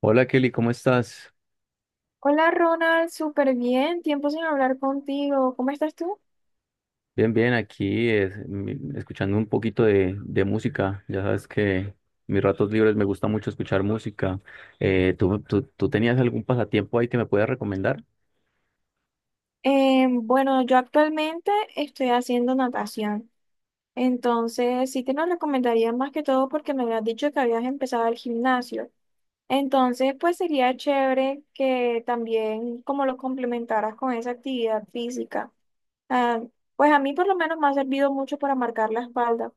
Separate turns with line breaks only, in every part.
Hola, Kelly, ¿cómo estás?
Hola Ronald, súper bien, tiempo sin hablar contigo. ¿Cómo estás tú?
Bien, bien, aquí escuchando un poquito de música. Ya sabes que mis ratos libres me gusta mucho escuchar música. ¿Tú tenías algún pasatiempo ahí que me puedas recomendar?
Bueno, yo actualmente estoy haciendo natación, entonces sí te lo recomendaría más que todo porque me habías dicho que habías empezado el gimnasio. Entonces, pues sería chévere que también como lo complementaras con esa actividad física. Ah, pues a mí por lo menos me ha servido mucho para marcar la espalda.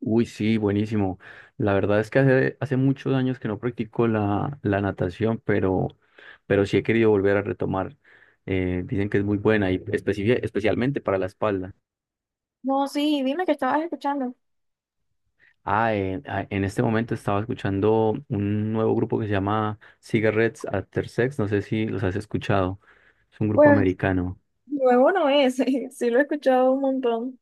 Uy, sí, buenísimo. La verdad es que hace muchos años que no practico la natación, pero sí he querido volver a retomar. Dicen que es muy buena y especialmente para la espalda.
No, sí, dime que estabas escuchando.
Ah, en este momento estaba escuchando un nuevo grupo que se llama Cigarettes After Sex, no sé si los has escuchado, es un grupo
Pues
americano.
nuevo no es, sí lo he escuchado un montón.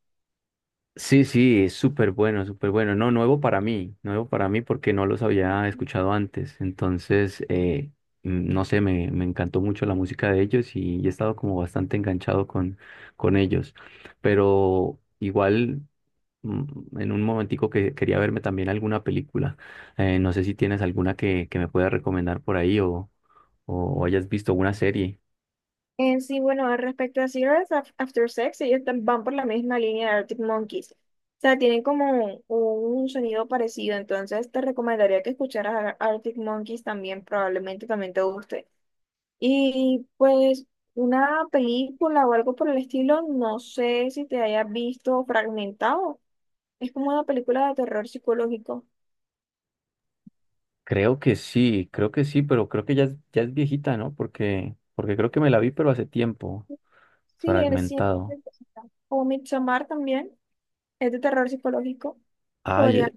Sí, sí, es súper bueno, súper bueno. No, nuevo para mí porque no los había escuchado antes. Entonces, no sé, me encantó mucho la música de ellos y he estado como bastante enganchado con ellos. Pero igual, en un momentico que quería verme también alguna película. No sé si tienes alguna que me pueda recomendar por ahí o hayas visto una serie.
Sí, bueno, al respecto a Cigarettes After Sex, ellos van por la misma línea de Arctic Monkeys. O sea, tienen como un sonido parecido, entonces te recomendaría que escucharas a Arctic Monkeys también, probablemente también te guste. Y pues una película o algo por el estilo, no sé si te hayas visto fragmentado. Es como una película de terror psicológico.
Creo que sí, pero creo que ya, ya es viejita, ¿no? Porque, porque creo que me la vi, pero hace tiempo,
Sí, es
fragmentado.
siempre. O Midsommar también, es de terror psicológico. Podría.
Ay,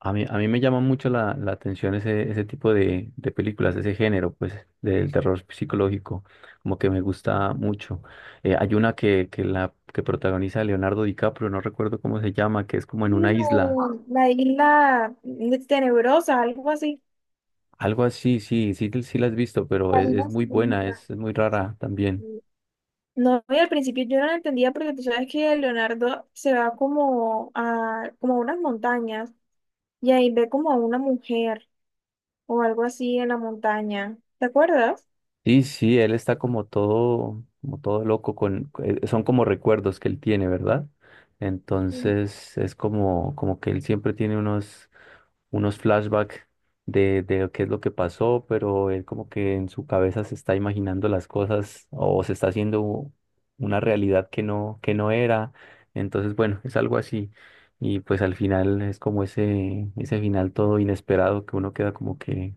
a mí me llama mucho la atención ese, ese tipo de películas, ese género, pues, del terror psicológico, como que me gusta mucho. Hay una que protagoniza Leonardo DiCaprio, no recuerdo cómo se llama, que es como en
Sí,
una isla,
la isla tenebrosa, algo así.
algo así, sí, sí, sí la has visto, pero
La
es
isla
muy buena,
siniestra.
es muy rara también.
No, y al principio yo no la entendía porque tú sabes que Leonardo se va como a, como a unas montañas y ahí ve como a una mujer o algo así en la montaña. ¿Te acuerdas?
Sí, sí, él está como todo loco con, son como recuerdos que él tiene, ¿verdad? Entonces es como, como que él siempre tiene unos, unos flashbacks de qué es lo que pasó, pero él como que en su cabeza se está imaginando las cosas o se está haciendo una realidad que no era. Entonces, bueno, es algo así. Y pues al final es como ese final todo inesperado que uno queda como que,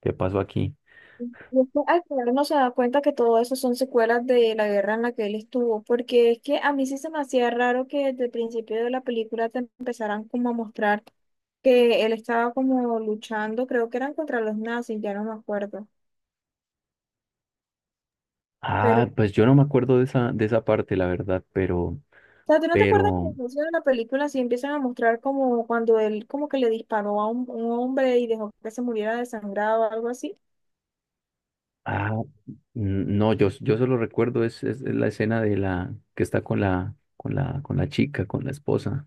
¿qué pasó aquí?
Y es que al final no se da cuenta que todo eso son secuelas de la guerra en la que él estuvo, porque es que a mí sí se me hacía raro que desde el principio de la película te empezaran como a mostrar que él estaba como luchando, creo que eran contra los nazis, ya no me acuerdo. Pero,
Ah,
o
pues yo no me acuerdo de esa parte, la verdad,
sea, ¿tú no te acuerdas que al
pero,
inicio de la película sí empiezan a mostrar como cuando él como que le disparó a un hombre y dejó que se muriera desangrado o algo así?
ah, no, yo solo recuerdo es la escena de la que está con con la chica, con la esposa,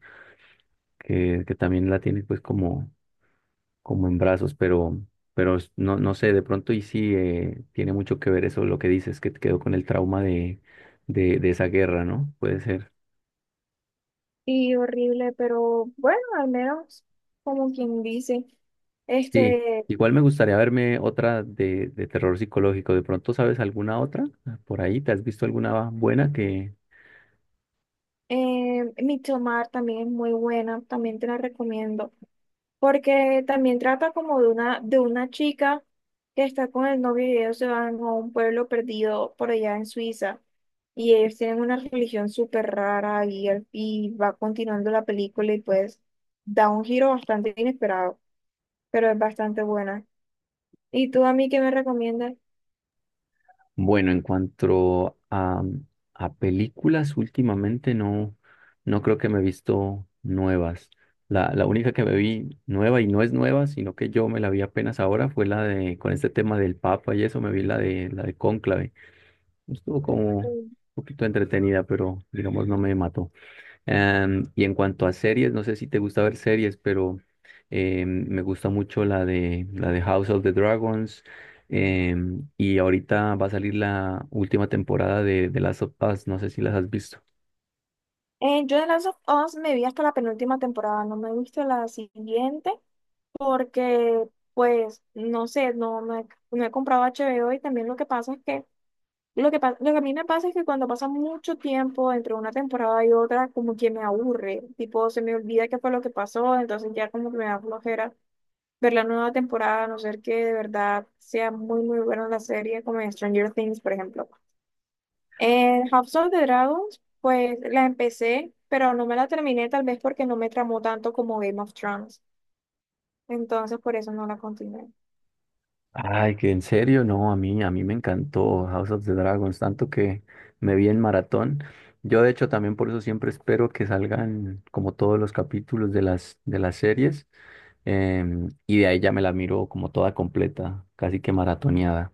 que también la tiene pues como, como en brazos, pero, no, no sé, de pronto y sí tiene mucho que ver eso, lo que dices, que te quedó con el trauma de esa guerra, ¿no? Puede ser.
Y horrible, pero bueno, al menos como quien dice.
Sí,
Este.
igual me gustaría verme otra de terror psicológico. ¿De pronto sabes alguna otra? Ah, por ahí, ¿te has visto alguna buena que...
Midsommar también es muy buena, también te la recomiendo, porque también trata como de una chica que está con el novio y ellos se van a un pueblo perdido por allá en Suiza y ellos tienen una religión súper rara y, y va continuando la película y pues da un giro bastante inesperado, pero es bastante buena. ¿Y tú a mí qué me recomiendas?
Bueno, a películas, últimamente no, no creo que me he visto nuevas. La única que me vi nueva y no es nueva, sino que yo me la vi apenas ahora fue la de, con este tema del Papa y eso, me vi la de Cónclave. Estuvo como un
Mm.
poquito entretenida, pero digamos no me mató. Y en cuanto a series, no sé si te gusta ver series, pero me gusta mucho la de House of the Dragons. Y ahorita va a salir la última temporada de Last of Us, no sé si las has visto.
Yo de Last of Us me vi hasta la penúltima temporada, no me he visto la siguiente, porque pues no sé, no he comprado HBO y también lo que pasa es que lo que, lo que a mí me pasa es que cuando pasa mucho tiempo entre una temporada y otra, como que me aburre, tipo se me olvida qué fue lo que pasó, entonces ya como que me da flojera ver la nueva temporada, a no ser que de verdad sea muy muy buena la serie, como en Stranger Things, por ejemplo. En House of the Dragons, pues la empecé, pero no me la terminé tal vez porque no me tramó tanto como Game of Thrones, entonces por eso no la continué.
Ay, que en serio, no, a mí me encantó House of the Dragons, tanto que me vi en maratón. Yo de hecho también por eso siempre espero que salgan como todos los capítulos de las series, y de ahí ya me la miro como toda completa, casi que maratoneada.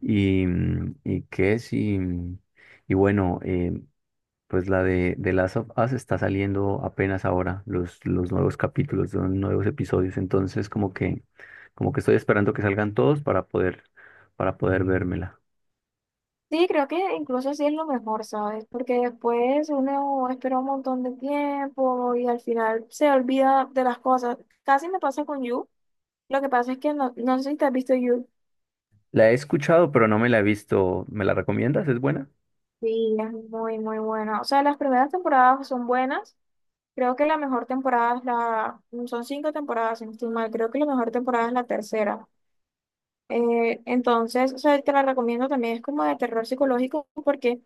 Y, y qué sí. Y bueno, pues la de The Last of Us está saliendo apenas ahora, los nuevos capítulos, los nuevos episodios. Entonces, como que estoy esperando que salgan todos para poder vérmela.
Sí, creo que incluso sí es lo mejor, ¿sabes? Porque después uno espera un montón de tiempo y al final se olvida de las cosas. Casi me pasa con You. Lo que pasa es que no sé si te has visto You.
La he escuchado, pero no me la he visto. ¿Me la recomiendas? ¿Es buena?
Sí, es muy, muy buena. O sea, las primeras temporadas son buenas. Creo que la mejor temporada es la... Son 5 temporadas, si no estoy mal. Creo que la mejor temporada es la tercera. Entonces, o sea, te la recomiendo también. Es como de terror psicológico porque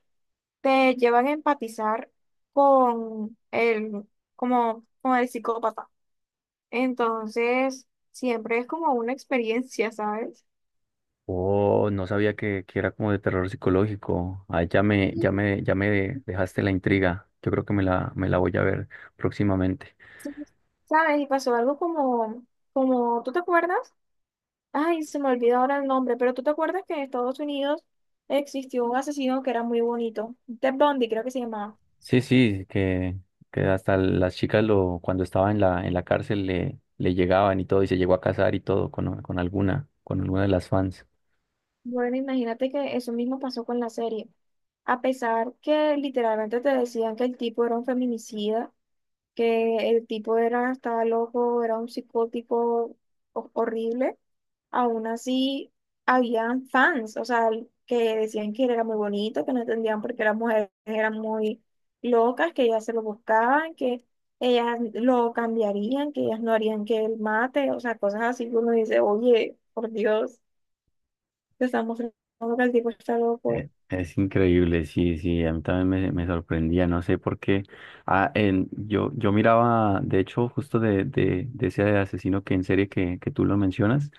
te llevan a empatizar con el, como, con el psicópata. Entonces, siempre es como una experiencia, ¿sabes?
Oh, no sabía que era como de terror psicológico. Ay, ya me, ya
Sí,
me, ya me dejaste la intriga. Yo creo que me la voy a ver próximamente.
sí. ¿Sabes? Y pasó algo como, como, ¿tú te acuerdas? Ay, se me olvidó ahora el nombre, pero ¿tú te acuerdas que en Estados Unidos existió un asesino que era muy bonito? Ted Bundy, creo que se llamaba.
Sí, sí, que hasta las chicas lo, cuando estaba en en la cárcel le, le llegaban y todo, y se llegó a casar y todo con alguna de las fans.
Bueno, imagínate que eso mismo pasó con la serie. A pesar que literalmente te decían que el tipo era un feminicida, que el tipo era, estaba loco, era un psicótico horrible, aún así habían fans, o sea, que decían que él era muy bonito, que no entendían por qué las mujeres eran muy locas, que ellas se lo buscaban, que ellas lo cambiarían, que ellas no harían que él mate, o sea, cosas así que uno dice, oye, por Dios, te están mostrando que el tipo está loco.
Es increíble, sí, sí, a mí también me sorprendía, no sé por qué. Yo, yo miraba, de hecho, justo de ese asesino que en serie que tú lo mencionas,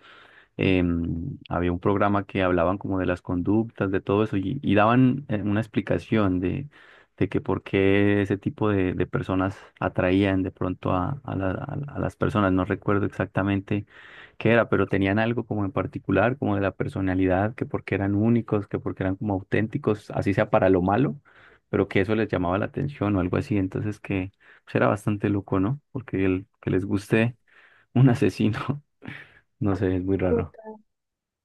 había un programa que hablaban como de las conductas, de todo eso, y daban una explicación de que por qué ese tipo de personas atraían de pronto a, a las personas. No recuerdo exactamente qué era, pero tenían algo como en particular, como de la personalidad, que porque eran únicos, que porque eran como auténticos, así sea para lo malo, pero que eso les llamaba la atención o algo así. Entonces que pues, era bastante loco, ¿no? Porque el que les guste un asesino, no sé, es muy raro.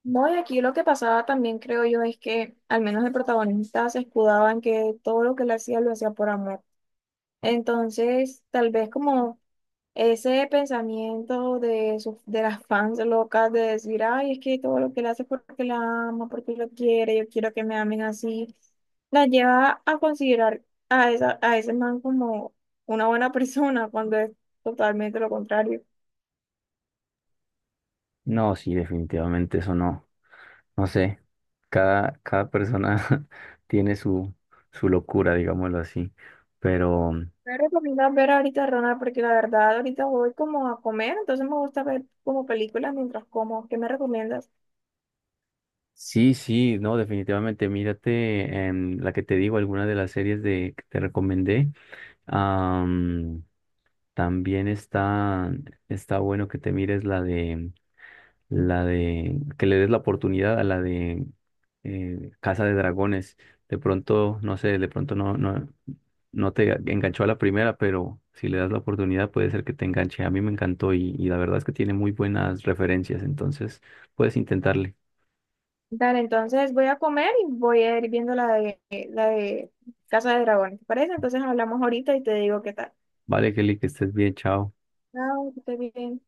No, y aquí lo que pasaba también, creo yo, es que al menos el protagonista se escudaba en que todo lo que él hacía lo hacía por amor. Entonces, tal vez como ese pensamiento de, de las fans locas de decir, ay, es que todo lo que él hace es porque la ama, porque lo quiere, yo quiero que me amen así, la lleva a considerar a, esa, a ese man como una buena persona cuando es totalmente lo contrario.
No, sí, definitivamente eso no, no sé. Cada, cada persona tiene su, su locura, digámoslo así. Pero
Me recomiendas ver ahorita, Ronald, porque la verdad ahorita voy como a comer, entonces me gusta ver como películas mientras como. ¿Qué me recomiendas?
sí, sí, no, definitivamente. Mírate la que te digo, alguna de las series de, que te recomendé. Am, también está, está bueno que te mires la de, que le des la oportunidad a la de Casa de Dragones. De pronto, no sé, de pronto no, no, no te enganchó a la primera, pero si le das la oportunidad puede ser que te enganche. A mí me encantó y la verdad es que tiene muy buenas referencias, entonces puedes intentarle.
Dale, entonces voy a comer y voy a ir viendo la de Casa de Dragones, ¿te parece? Entonces hablamos ahorita y te digo qué tal.
Vale, Kelly, que estés bien, chao.
Chao, que estés bien.